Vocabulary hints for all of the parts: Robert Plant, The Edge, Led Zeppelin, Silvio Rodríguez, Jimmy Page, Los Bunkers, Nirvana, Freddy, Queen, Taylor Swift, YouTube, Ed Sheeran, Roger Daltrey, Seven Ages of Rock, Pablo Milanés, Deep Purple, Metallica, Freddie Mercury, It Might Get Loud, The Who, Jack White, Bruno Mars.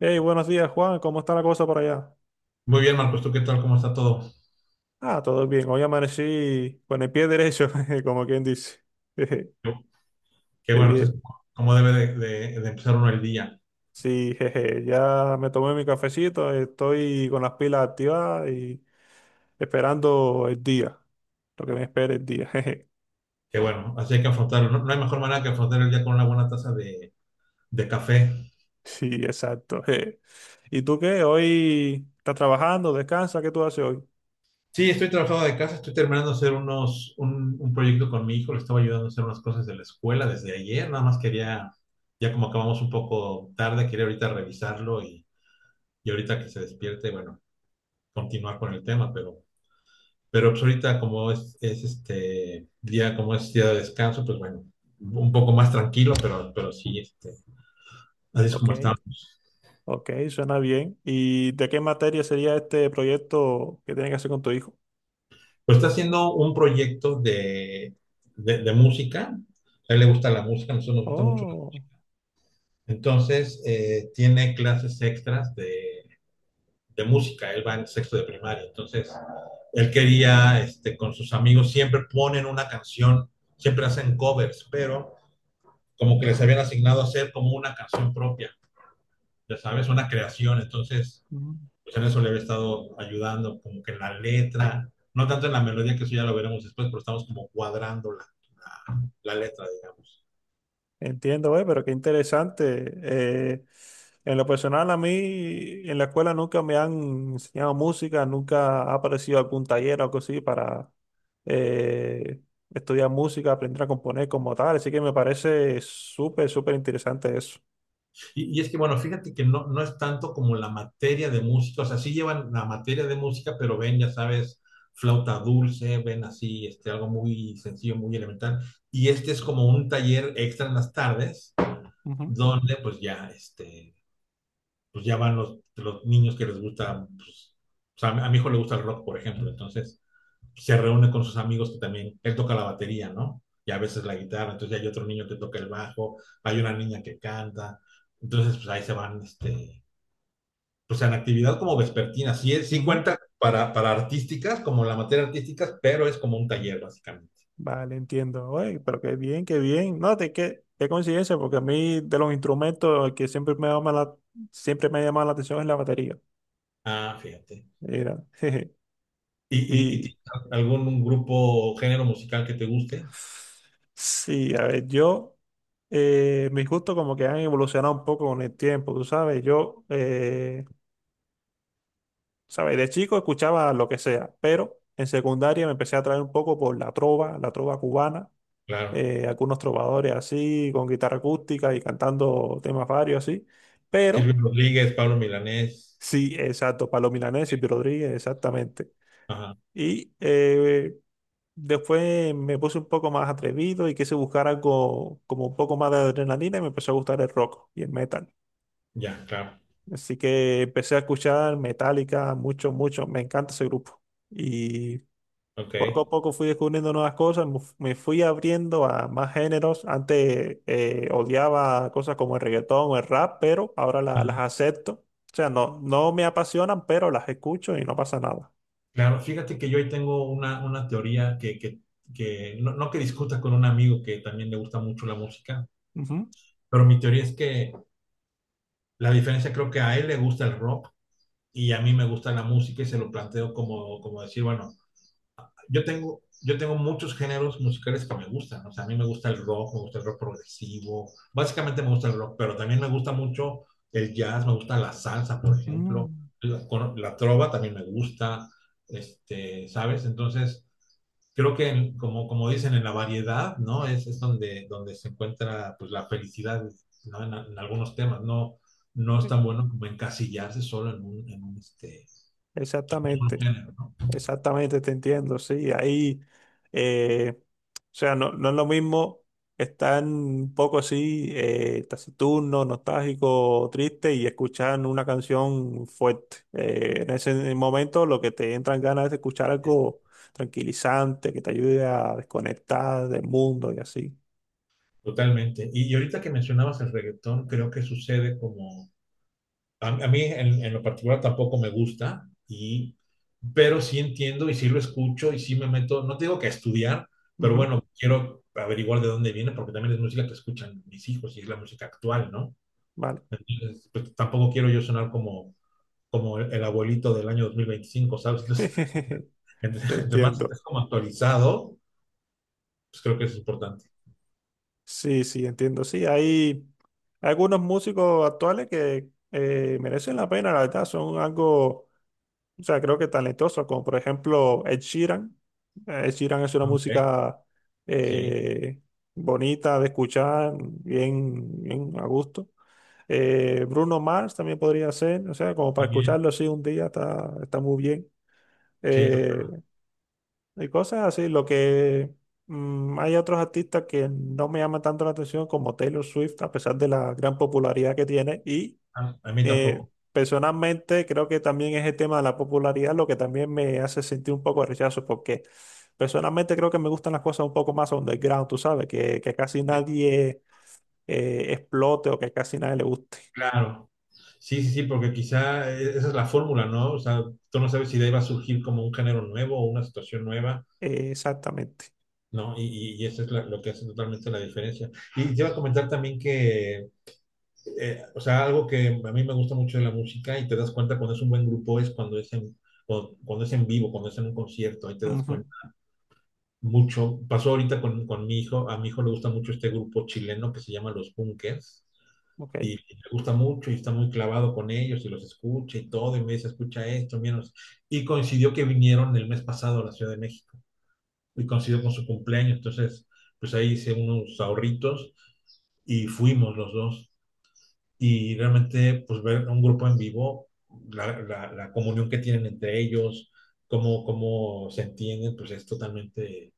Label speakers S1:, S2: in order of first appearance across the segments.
S1: Hey, buenos días, Juan. ¿Cómo está la cosa por allá?
S2: Muy bien, Marcos, ¿tú qué tal? ¿Cómo está todo?
S1: Ah, todo bien. Hoy amanecí con el pie derecho, jeje, como quien dice. Jeje.
S2: Yo- Qué
S1: Qué
S2: bueno, eso es
S1: bien.
S2: como debe de empezar uno el día.
S1: Sí, jeje. Ya me tomé mi cafecito. Estoy con las pilas activadas y esperando el día. Lo que me espera el día. Jeje.
S2: Qué bueno, así hay que afrontarlo. No hay mejor manera que afrontar el día con una buena taza de café.
S1: Sí, exacto. Jeje. ¿Y tú qué? ¿Hoy estás trabajando? ¿Descansa? ¿Qué tú haces hoy?
S2: Sí, estoy trabajando de casa, estoy terminando de hacer un proyecto con mi hijo, le estaba ayudando a hacer unas cosas de la escuela desde ayer, nada más quería, ya como acabamos un poco tarde, quería ahorita revisarlo y ahorita que se despierte, bueno, continuar con el tema, pero... Pero pues ahorita como es este día, como es día de descanso, pues bueno, un poco más tranquilo, pero sí, este, así es
S1: Ok,
S2: como estamos.
S1: ok, suena bien. ¿Y de qué materia sería este proyecto que tienes que hacer con tu hijo?
S2: Pues está haciendo un proyecto de música, a él le gusta la música, a nosotros nos gusta mucho.
S1: Oh.
S2: Entonces, tiene clases extras de música, él va en sexto de primaria, entonces él quería, este, con sus amigos, siempre ponen una canción, siempre hacen covers, pero como que les habían asignado hacer como una canción propia. Ya sabes, una creación, entonces,
S1: Mm.
S2: pues en eso le había estado ayudando, como que en la letra, no tanto en la melodía, que eso ya lo veremos después, pero estamos como cuadrando la letra, digamos.
S1: Entiendo, güey, pero qué interesante. En lo personal, a mí en la escuela nunca me han enseñado música, nunca ha aparecido algún taller o algo así para eh, estudiar música, aprender a componer como tal. Así que me parece súper, súper interesante eso.
S2: Y, es que, bueno, fíjate que no es tanto como la materia de música, o sea, sí llevan la materia de música, pero ven, ya sabes, flauta dulce, ven así, este, algo muy sencillo, muy elemental. Y este es como un taller extra en las tardes,
S1: Ujú,
S2: donde pues ya van los niños que les gusta, pues, o sea, a mi hijo le gusta el rock, por ejemplo, entonces se reúne con sus amigos que también, él toca la batería, ¿no? Y a veces la guitarra, entonces hay otro niño que toca el bajo, hay una niña que canta, entonces pues ahí se van, este, pues en actividad como vespertina, sí, sí
S1: ujú.
S2: cuenta para artísticas, como la materia artísticas, pero es como un taller básicamente.
S1: Vale, entiendo, güey, pero qué bien, qué bien. No, de qué, qué coincidencia, porque a mí de los instrumentos el que siempre me llama la, siempre me ha llamado la atención es la batería.
S2: Ah, fíjate.
S1: Mira, jeje.
S2: ¿Y
S1: Y
S2: tienes algún un grupo o género musical que te guste?
S1: Sí, a ver, yo, mis gustos como que han evolucionado un poco con el tiempo, tú sabes, yo, sabes, de chico escuchaba lo que sea, pero en secundaria me empecé a atraer un poco por la trova cubana,
S2: Claro.
S1: algunos trovadores así, con guitarra acústica y cantando temas varios así,
S2: Silvio
S1: pero
S2: Rodríguez, Pablo Milanés.
S1: sí, exacto, Pablo Milanés y Rodríguez, exactamente.
S2: Ajá.
S1: Y después me puse un poco más atrevido y quise buscar algo como un poco más de adrenalina y me empezó a gustar el rock y el metal.
S2: Ya, claro,
S1: Así que empecé a escuchar Metallica mucho, mucho. Me encanta ese grupo. Y
S2: ok.
S1: poco a poco fui descubriendo nuevas cosas, me fui abriendo a más géneros. Antes odiaba cosas como el reggaetón o el rap, pero ahora
S2: Ujú.
S1: las acepto. O sea, no, no me apasionan, pero las escucho y no pasa nada.
S2: Claro, fíjate que yo ahí tengo una teoría que no que discuta con un amigo que también le gusta mucho la música,
S1: Ujú.
S2: pero mi teoría es que la diferencia creo que a él le gusta el rock y a mí me gusta la música y se lo planteo como, como decir, bueno, yo tengo muchos géneros musicales que me gustan. O sea, a mí me gusta el rock, me gusta el rock progresivo. Básicamente me gusta el rock, pero también me gusta mucho el jazz, me gusta la salsa, por ejemplo.
S1: Mm.
S2: La trova también me gusta, este, ¿sabes? Entonces, creo que como dicen, en la variedad, ¿no? Es donde se encuentra pues, la felicidad, ¿no? En algunos temas, no es tan bueno como encasillarse solo en un
S1: Exactamente.
S2: género.
S1: Exactamente, te entiendo, sí. Ahí, eh, o sea, no, no es lo mismo estar un poco así, taciturno, nostálgico, triste y escuchar una canción fuerte. En ese momento lo que te entran ganas es de escuchar algo tranquilizante, que te ayude a desconectar del mundo y así.
S2: Totalmente. Y ahorita que mencionabas el reggaetón, creo que sucede como, a mí en lo particular tampoco me gusta, pero sí entiendo y sí lo escucho y sí me meto, no te digo que a estudiar, pero
S1: Ujú.
S2: bueno, quiero averiguar de dónde viene porque también es música que escuchan mis hijos y es la música actual, ¿no?
S1: Vale.
S2: Entonces, pues, tampoco quiero yo sonar como, el abuelito del año 2025, ¿sabes? Entonces,
S1: Te
S2: entonces, entre más
S1: entiendo.
S2: estés como actualizado, pues creo que es importante.
S1: Sí, sí, entiendo. Sí, hay algunos músicos actuales que merecen la pena, la verdad, son algo, o sea, creo que talentosos, como por ejemplo Ed Sheeran. Ed Sheeran es una
S2: Ok,
S1: música
S2: sí,
S1: eh, bonita de escuchar, bien, bien a gusto. Bruno Mars también podría ser, o sea, como para
S2: también,
S1: escucharlo así un día está, está muy bien.
S2: sí,
S1: Eh,
S2: total.
S1: y cosas así, lo que hay otros artistas que no me llaman tanto la atención como Taylor Swift, a pesar de la gran popularidad que tiene. Y
S2: A mí
S1: eh,
S2: tampoco.
S1: personalmente creo que también es el tema de la popularidad lo que también me hace sentir un poco de rechazo, porque personalmente creo que me gustan las cosas un poco más underground, tú sabes, que casi nadie explote o que casi nadie le guste.
S2: Claro, sí, sí, sí, porque quizá esa es la fórmula, ¿no? O sea, tú no sabes si de ahí va a surgir como un género nuevo o una situación nueva,
S1: Exactamente.
S2: ¿no? Y eso es lo que hace totalmente la diferencia. Y te iba a comentar también que, o sea, algo que a mí me gusta mucho de la música y te das cuenta cuando es un buen grupo es cuando cuando es en vivo, cuando es en un concierto, ahí te das
S1: Ujú.
S2: cuenta mucho. Pasó ahorita con mi hijo, a mi hijo le gusta mucho este grupo chileno que se llama Los Bunkers
S1: Ok.
S2: y le gusta mucho y está muy clavado con ellos y los escucha y todo, y me dice, escucha esto, menos. Y coincidió que vinieron el mes pasado a la Ciudad de México y coincidió con su cumpleaños, entonces pues ahí hice unos ahorritos y fuimos los dos. Y realmente pues ver a un grupo en vivo, la comunión que tienen entre ellos, cómo se entienden, pues es totalmente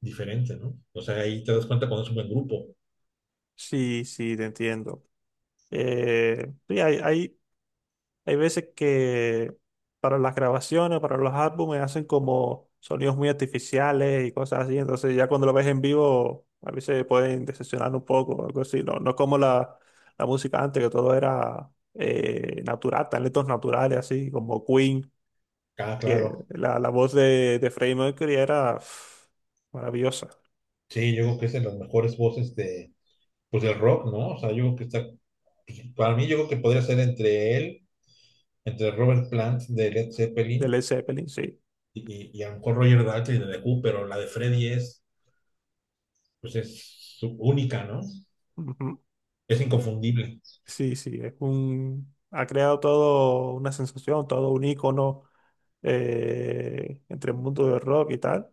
S2: diferente, ¿no? O sea, ahí te das cuenta cuando es un buen grupo.
S1: Sí, sí, te entiendo. Sí, hay veces que para las grabaciones, para los álbumes, hacen como sonidos muy artificiales y cosas así. Entonces ya cuando lo ves en vivo, a veces pueden decepcionar un poco o algo así. No, no es como la música antes, que todo era natural, talentos naturales, así como Queen,
S2: Ah,
S1: que
S2: claro.
S1: la voz de Freddie Mercury era pff, maravillosa,
S2: Sí, yo creo que es de las mejores voces de, pues el rock, ¿no? O sea, yo creo que está, pues, para mí yo creo que podría ser entre él, entre Robert Plant de Led
S1: de
S2: Zeppelin
S1: Led Zeppelin, sí.
S2: y, y a lo mejor Roger Daltrey de The Who, pero la de Freddy es, pues es única, ¿no?
S1: Ujú.
S2: Es inconfundible.
S1: Sí, sí, es un, ha creado todo una sensación, todo un icono entre el mundo del rock y tal.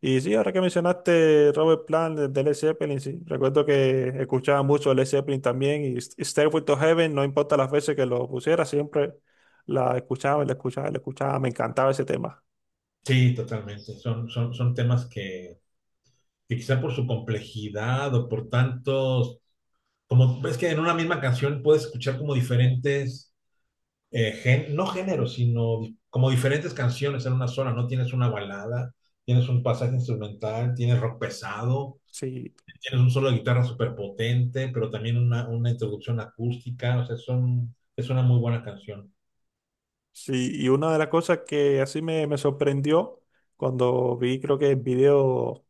S1: Y sí, ahora que mencionaste Robert Plant de Led Zeppelin, sí, recuerdo que escuchaba mucho Led Zeppelin también y Stairway to Heaven, no importa las veces que lo pusiera, siempre la escuchaba, la escuchaba, la escuchaba, me encantaba ese tema.
S2: Sí, totalmente. Son temas que quizá por su complejidad o por tantos, como ves que en una misma canción puedes escuchar como diferentes no género, sino como diferentes canciones en una sola, ¿no? Tienes una balada, tienes un pasaje instrumental, tienes rock pesado,
S1: Sí.
S2: tienes un solo de guitarra súper potente, pero también una introducción acústica, o sea, son, es una muy buena canción.
S1: Sí, y una de las cosas que así me sorprendió cuando vi, creo que el video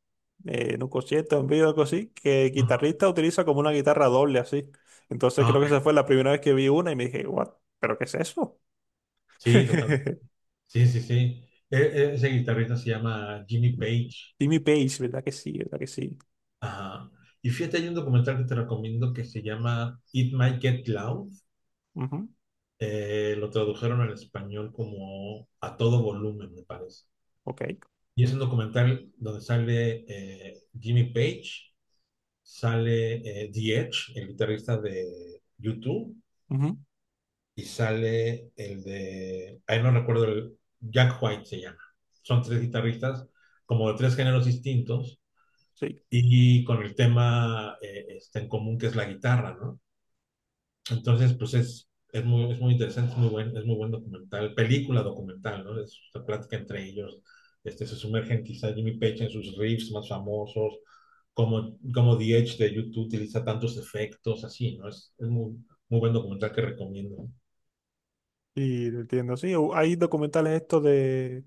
S1: en un concierto, un video algo así, que el
S2: Ujú.
S1: guitarrista utiliza como una guitarra doble así. Entonces
S2: Ah,
S1: creo
S2: ok.
S1: que esa fue la primera vez que vi una y me dije, what, ¿pero qué es eso?
S2: Sí, totalmente. Sí, sí, sí. Ese guitarrista se llama Jimmy Page.
S1: Jimmy Page, ¿verdad que sí? ¿Verdad que sí?
S2: Ajá. Y fíjate, hay un documental que te recomiendo que se llama It Might Get Loud.
S1: Ujú.
S2: Lo tradujeron al español como a todo volumen, me parece.
S1: Ok.
S2: Y es un documental donde sale Jimmy Page, sale The Edge, el guitarrista de YouTube,
S1: Ujú.
S2: y sale el de, ahí no recuerdo, el Jack White se llama. Son tres guitarristas como de tres géneros distintos
S1: Sí.
S2: y con el tema este, en común que es la guitarra, ¿no? Entonces, pues es muy interesante, es muy buen documental, película documental, ¿no? Es una plática entre ellos. Este, se sumergen quizá Jimmy Page en sus riffs más famosos, como The Edge de YouTube utiliza tantos efectos, así, ¿no? Es muy, muy buen documental que recomiendo.
S1: Y lo entiendo, sí. Hay documentales estos de,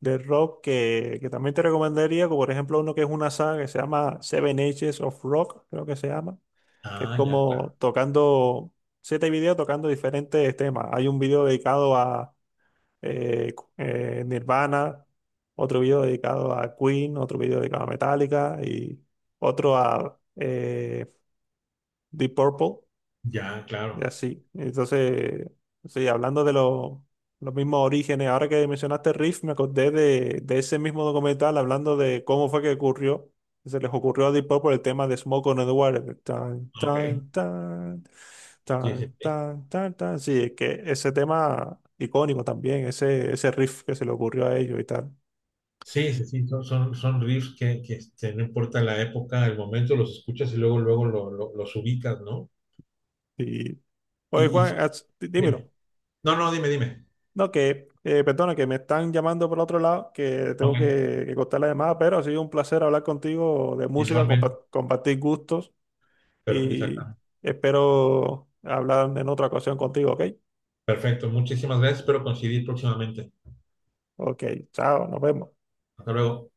S1: de rock que también te recomendaría, como por ejemplo uno que es una saga que se llama Seven Ages of Rock, creo que se llama que es
S2: Ah, ya, claro.
S1: como tocando, siete videos tocando diferentes temas. Hay un video dedicado a Nirvana, otro video dedicado a Queen, otro video dedicado a Metallica y otro a Deep Purple.
S2: Ya,
S1: Y
S2: claro.
S1: así. Entonces, sí, hablando de los mismos orígenes, ahora que mencionaste Riff, me acordé de ese mismo documental hablando de cómo fue que ocurrió, que se les ocurrió a Deep Purple el tema de Smoke on the Water. Tan,
S2: Ok.
S1: tan, tan,
S2: Sí, sí,
S1: tan,
S2: sí.
S1: tan, tan, tan. Sí, es que ese tema icónico también, ese riff que se le ocurrió a ellos y tal.
S2: Sí, sí, sí, Son riffs que este, no importa la época, el momento, los escuchas y luego, luego los ubicas, ¿no?
S1: Y, oye,
S2: Y,
S1: Juan,
S2: y dime.
S1: dímelo.
S2: No, no, dime, dime.
S1: No, que, perdona, que me están llamando por otro lado, que tengo
S2: Ok.
S1: que cortar la llamada, pero ha sido un placer hablar contigo de música,
S2: Igualmente,
S1: compartir gustos
S2: perfecto
S1: y
S2: exactamente.
S1: espero hablar en otra ocasión contigo, ¿ok?
S2: Perfecto, muchísimas gracias. Espero coincidir próximamente.
S1: Ok, chao, nos vemos.
S2: Hasta luego.